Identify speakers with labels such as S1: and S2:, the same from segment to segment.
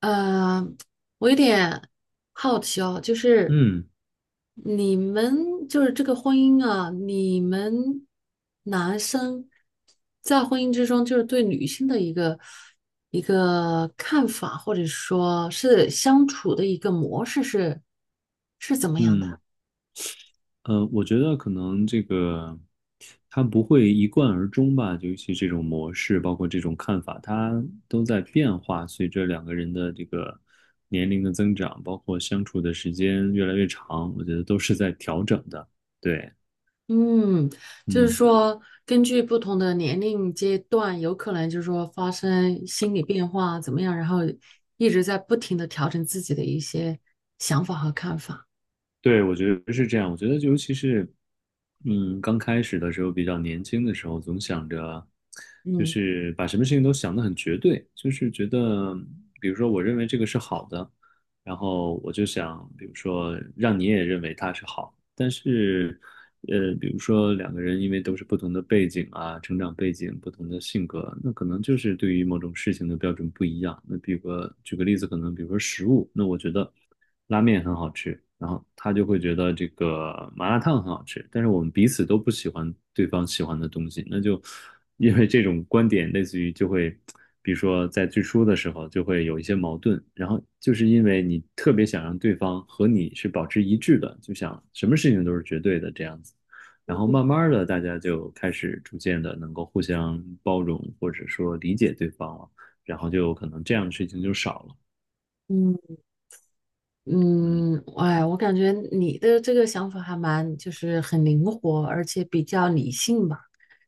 S1: 呃，我有点好奇哦，就是
S2: 嗯
S1: 你们就是这个婚姻啊，你们男生在婚姻之中，就是对女性的一个看法，或者说是相处的一个模式是怎么样
S2: 嗯，
S1: 的？
S2: 我觉得可能这个他不会一贯而终吧，尤其这种模式，包括这种看法，它都在变化。随着两个人的这个年龄的增长，包括相处的时间越来越长，我觉得都是在调整的。对，
S1: 嗯，就是
S2: 嗯。
S1: 说，根据不同的年龄阶段，有可能就是说发生心理变化怎么样，然后一直在不停的调整自己的一些想法和看法。
S2: 对，我觉得是这样。我觉得尤其是，刚开始的时候，比较年轻的时候，总想着，就
S1: 嗯
S2: 是把什么事情都想得很绝对，就是觉得，比如说我认为这个是好的，然后我就想，比如说让你也认为它是好。但是，比如说两个人因为都是不同的背景啊，成长背景、不同的性格，那可能就是对于某种事情的标准不一样。那比如个举个例子，可能比如说食物，那我觉得。拉面很好吃，然后他就会觉得这个麻辣烫很好吃，但是我们彼此都不喜欢对方喜欢的东西，那就因为这种观点，类似于就会，比如说在最初的时候就会有一些矛盾，然后就是因为你特别想让对方和你是保持一致的，就想什么事情都是绝对的这样子，然后慢慢的大家就开始逐渐的能够互相包容或者说理解对方了，然后就可能这样的事情就少了，
S1: 嗯，
S2: 嗯
S1: 嗯，哎，我感觉你的这个想法还蛮，就是很灵活，而且比较理性吧。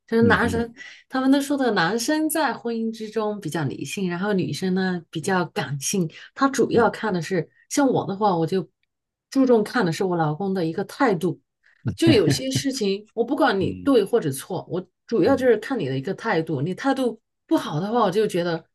S1: 就是
S2: 嗯
S1: 男
S2: 嗯。
S1: 生，他们都说的男生在婚姻之中比较理性，然后女生呢比较感性。他主要
S2: 嗯
S1: 看的是，像我的话，我就注重看的是我老公的一个态度，就有些事情，我不管你
S2: 嗯
S1: 对或者错，我主要就
S2: 嗯
S1: 是看你的一个态度。你态度不好的话，我就觉得，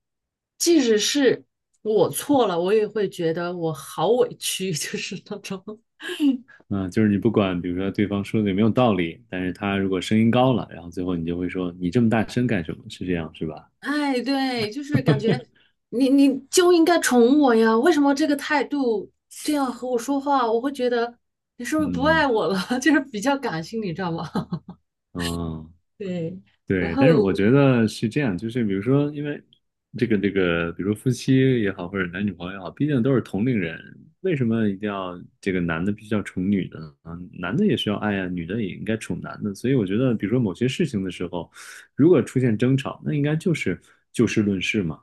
S1: 即使是我错了，我也会觉得我好委屈，就是那种。
S2: 嗯，就是你不管，比如说对方说的有没有道理，但是他如果声音高了，然后最后你就会说你这么大声干什么？是这样是吧？
S1: 哎，对，就是感觉你就应该宠我呀，为什么这个态度这样和我说话，我会觉得你是不是不
S2: 嗯
S1: 爱我了？就是比较感性，你知道吗？
S2: 嗯，
S1: 对，然
S2: 对。
S1: 后
S2: 但是我觉得是这样，就是比如说，因为比如说夫妻也好，或者男女朋友也好，毕竟都是同龄人，为什么一定要这个男的必须要宠女的呢？啊，男的也需要爱呀，女的也应该宠男的。所以我觉得，比如说某些事情的时候，如果出现争吵，那应该就是就事论事嘛，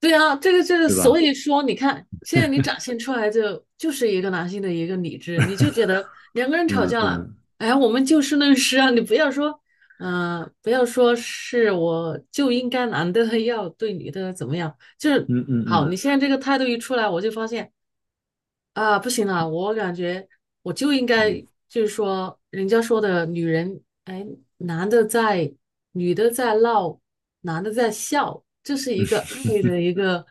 S1: 对啊，这个就是
S2: 对
S1: 所
S2: 吧？
S1: 以说你看，现在你展现出来就是一个男性的一个理智，你就觉得 两个人吵
S2: 嗯
S1: 架了，
S2: 嗯
S1: 哎，我们就事论事啊，你不要说，不要说是我就应该男的要对女的怎么样，就是
S2: 嗯嗯
S1: 好，你
S2: 嗯
S1: 现在这个态度一出来，我就发现啊，不行了，我感觉我就应该
S2: 嗯
S1: 就是说，人家说的女人，哎，男的在，女的在闹，男的在笑，这是一个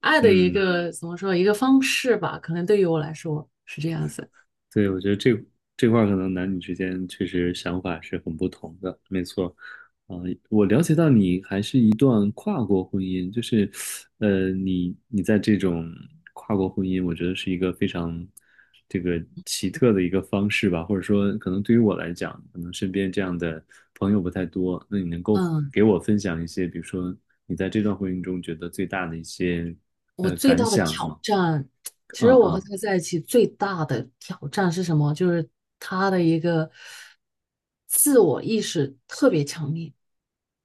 S1: 爱的一
S2: 嗯，
S1: 个怎么说一个方式吧？可能对于我来说是这样子。
S2: 对，我觉得这块儿可能男女之间确实想法是很不同的，没错。啊、我了解到你还是一段跨国婚姻，就是，你在这种跨国婚姻，我觉得是一个非常这个奇特的一个方式吧，或者说，可能对于我来讲，可能身边这样的朋友不太多。那你能够
S1: 嗯，
S2: 给我分享一些，比如说你在这段婚姻中觉得最大的一些
S1: 我最
S2: 感
S1: 大的
S2: 想
S1: 挑
S2: 吗？
S1: 战，其
S2: 啊
S1: 实我和
S2: 啊，
S1: 他在一起最大的挑战是什么？就是他的一个自我意识特别强烈。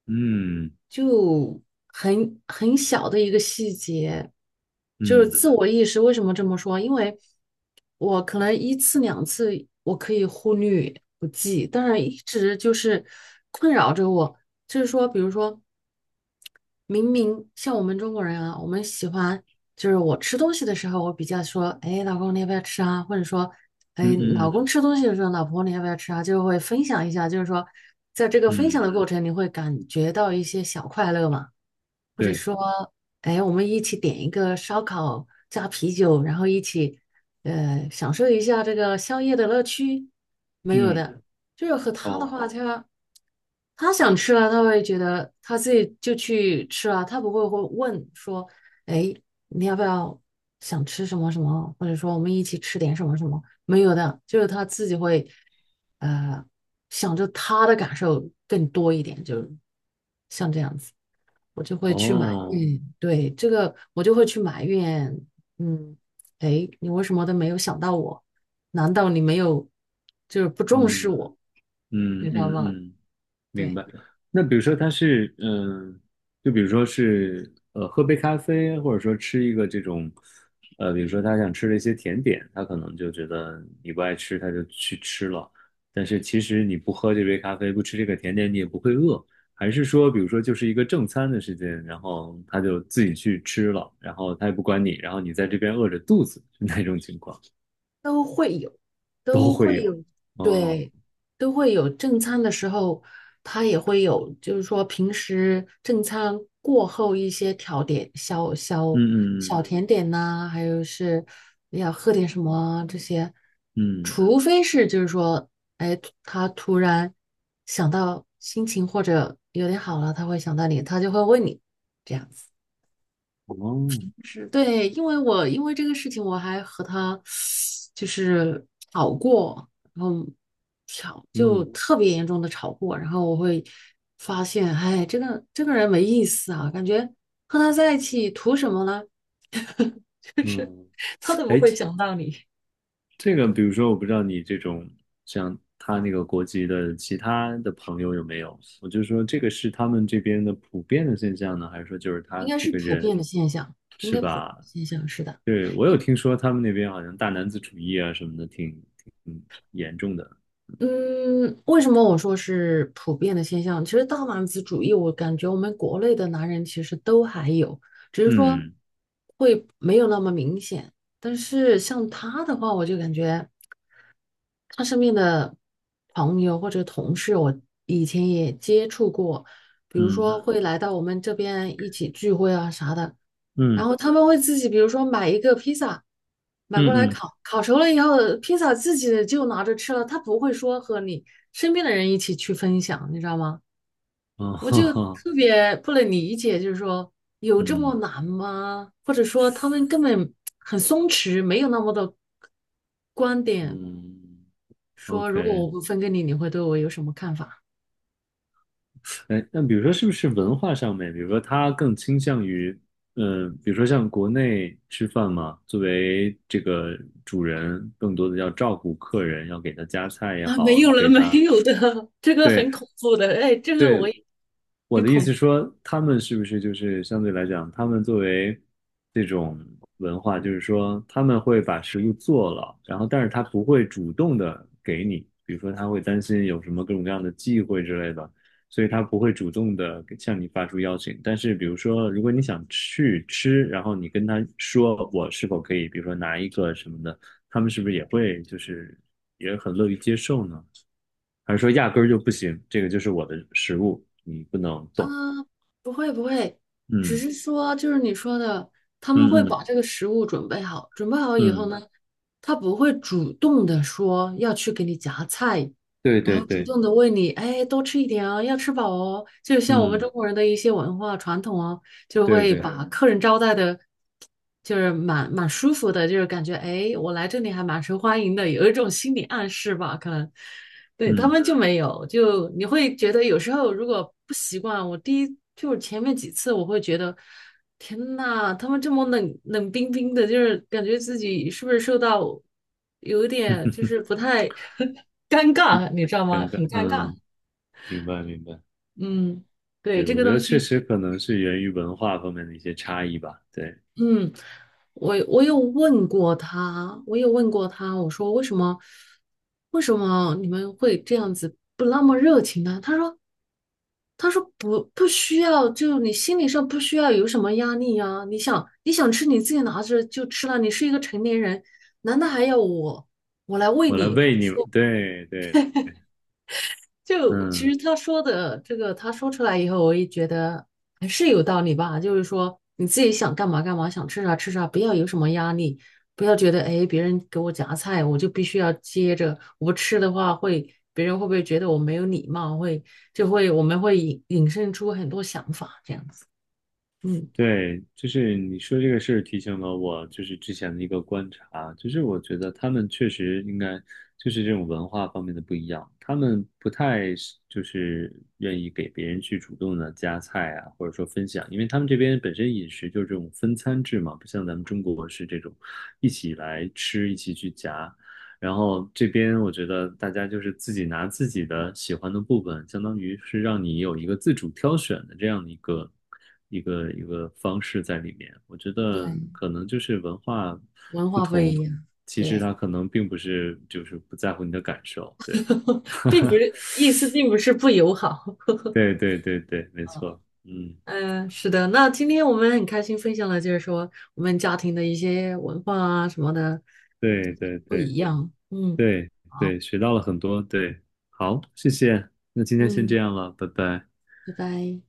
S2: 嗯
S1: 就很小的一个细节，就是
S2: 嗯
S1: 自我意识。为什么这么说？因为我可能一次两次我可以忽略不计，但是一直就是困扰着我。就是说，比如说。明明像我们中国人啊，我们喜欢就是我吃东西的时候，我比较说，哎，老公你要不要吃啊？或者说，哎，
S2: 嗯
S1: 老
S2: 嗯
S1: 公吃东西的时候，老婆你要不要吃啊？就会分享一下，就是说，在这个分享
S2: 嗯，
S1: 的过程，你会感觉到一些小快乐嘛，或者
S2: 对，
S1: 说，哎，我们一起点一个烧烤加啤酒，然后一起享受一下这个宵夜的乐趣，没有
S2: 嗯，
S1: 的，就是和他的
S2: 哦
S1: 话，他。他想吃了，他会觉得他自己就去吃啊，他不会问说，哎，你要不要想吃什么什么，或者说我们一起吃点什么什么？没有的，就是他自己会，呃，想着他的感受更多一点，就像这样子，我就会去埋
S2: 哦，
S1: 怨，对，这个我就会去埋怨，嗯，哎，你为什么都没有想到我？难道你没有就是不重视
S2: 嗯
S1: 我？
S2: 嗯
S1: 你知道
S2: 嗯
S1: 吗？
S2: 嗯，明
S1: 对。
S2: 白。那比如说他是，就比如说是，喝杯咖啡，或者说吃一个这种，比如说他想吃的一些甜点，他可能就觉得你不爱吃，他就去吃了。但是其实你不喝这杯咖啡，不吃这个甜点，你也不会饿。还是说，比如说就是一个正餐的时间，然后他就自己去吃了，然后他也不管你，然后你在这边饿着肚子，是那种情况。
S1: 都会有，都会有，
S2: 哦，
S1: 对，都会有正餐的时候，他也会有，就是说平时正餐过后一些调点，小
S2: 嗯
S1: 小小
S2: 嗯
S1: 甜点呐、还有是要喝点什么啊这些，
S2: 嗯
S1: 除非是就是说，哎，他突然想到心情或者有点好了，他会想到你，他就会问你这样。
S2: 嗯，哦，
S1: 是对，因为我因为这个事情，我还和他就是吵过，然后吵就
S2: 嗯
S1: 特别严重的吵过，然后我会发现，哎，这个人没意思啊，感觉和他在一起图什么呢？
S2: 嗯。
S1: 他都不
S2: 哎，
S1: 会想到你，
S2: 这个比如说，我不知道你这种像他那个国籍的其他的朋友有没有？我就说这个是他们这边的普遍的现象呢，还是说就是
S1: 应
S2: 他
S1: 该
S2: 这
S1: 是
S2: 个
S1: 普
S2: 人
S1: 遍的现象，应
S2: 是
S1: 该普遍的
S2: 吧？
S1: 现象，是的。
S2: 对，我有听说他们那边好像大男子主义啊什么的挺严重的。
S1: 嗯，为什么我说是普遍的现象？其实大男子主义，我感觉我们国内的男人其实都还有，只是说
S2: 嗯
S1: 会没有那么明显。但是像他的话，我就感觉他身边的朋友或者同事，我以前也接触过，比如
S2: 嗯
S1: 说会来到我们这边一起聚会啊啥的。然
S2: 嗯
S1: 后他们会自己，比如说买一个披萨，买过来
S2: 嗯嗯，
S1: 烤，烤熟了以后，披萨自己就拿着吃了，他不会说和你身边的人一起去分享，你知道吗？
S2: 哦，
S1: 我
S2: 哈
S1: 就
S2: 哈，
S1: 特别不能理解，就是说有这么
S2: 嗯
S1: 难吗？或者说他们根本很松弛，没有那么的观点，
S2: 嗯
S1: 说如果
S2: ，OK，
S1: 我不分给你，你会对我有什么看法
S2: 哎，那比如说，是不是文化上面，比如说他更倾向于，比如说像国内吃饭嘛，作为这个主人，更多的要照顾客人，要给他夹菜 也
S1: 啊？没
S2: 好，
S1: 有了，
S2: 给
S1: 没
S2: 他，
S1: 有的，这个很
S2: 对
S1: 恐怖的，哎，这个
S2: 对，
S1: 我也
S2: 我
S1: 很
S2: 的意
S1: 恐
S2: 思
S1: 怖。
S2: 说，他们是不是就是相对来讲，他们作为这种文化，就是说他们会把食物做了，然后但是他不会主动的给你，比如说他会担心有什么各种各样的忌讳之类的，所以他不会主动的向你发出邀请。但是比如说，如果你想去吃，然后你跟他说我是否可以，比如说拿一个什么的，他们是不是也会就是也很乐于接受呢？还是说压根儿就不行？这个就是我的食物，你不能
S1: 啊，
S2: 动。
S1: 不会不会，只
S2: 嗯
S1: 是说就是你说的，他们会
S2: 嗯
S1: 把
S2: 嗯
S1: 这个食物准备好，准备好以后呢，
S2: 嗯，
S1: 他不会主动的说要去给你夹菜，
S2: 对
S1: 然
S2: 对
S1: 后主
S2: 对，
S1: 动的问你，哎，多吃一点哦，要吃饱哦。就像我们中
S2: 嗯
S1: 国人的一些文化传统哦，就
S2: 对
S1: 会
S2: 对，
S1: 把客人招待的，就是蛮舒服的，就是感觉哎，我来这里还蛮受欢迎的，有一种心理暗示吧，可能。对，他
S2: 嗯，
S1: 们就没有，就你会觉得有时候如果不习惯，我第一就是前面几次我会觉得，天呐，他们这么冷冷冰冰的，就是感觉自己是不是受到有一点就是不太 尴尬，你知道吗？
S2: 尴尬，
S1: 很尴尬。
S2: 嗯，明白明白，
S1: 嗯，对，
S2: 对，
S1: 这
S2: 我
S1: 个
S2: 觉
S1: 东
S2: 得确
S1: 西，
S2: 实可能是源于文化方面的一些差异吧，对，
S1: 嗯，我有问过他，我有问过他，我说为什么你们会这样子不那么热情呢？他说。他说不需要，就你心理上不需要有什么压力呀、你想吃你自己拿着就吃了，你是一个成年人，难道还要我来喂
S2: 我来
S1: 你？或
S2: 喂你，对对，
S1: 就其
S2: 嗯。
S1: 实他说的这个，他说出来以后，我也觉得还是有道理吧。就是说你自己想干嘛干嘛，想吃啥吃啥，不要有什么压力，不要觉得哎别人给我夹菜，我就必须要接着，我不吃的话会别人会不会觉得我没有礼貌？会就会我们会引申出很多想法这样子。嗯，
S2: 对，就是你说这个事儿提醒了我，就是之前的一个观察，就是我觉得他们确实应该就是这种文化方面的不一样，他们不太是就是愿意给别人去主动的夹菜啊，或者说分享，因为他们这边本身饮食就是这种分餐制嘛，不像咱们中国是这种一起来吃，一起去夹。然后这边我觉得大家就是自己拿自己的喜欢的部分，相当于是让你有一个自主挑选的这样的一个方式在里面。我觉得
S1: 对，
S2: 可能就是文化
S1: 文
S2: 不
S1: 化不一
S2: 同，
S1: 样，
S2: 其实
S1: 对，
S2: 它可能并不是就是不在乎你的感受。对，
S1: 并不是意思，并不是不友好。
S2: 对对对对，没错。嗯，
S1: 嗯、是的。那今天我们很开心分享了，就是说我们家庭的一些文化啊什么的
S2: 对对
S1: 不
S2: 对
S1: 一样。嗯，
S2: 对
S1: 好，
S2: 对，学到了很多。对，好，谢谢。那今天先这
S1: 嗯，
S2: 样了，拜拜。
S1: 拜拜。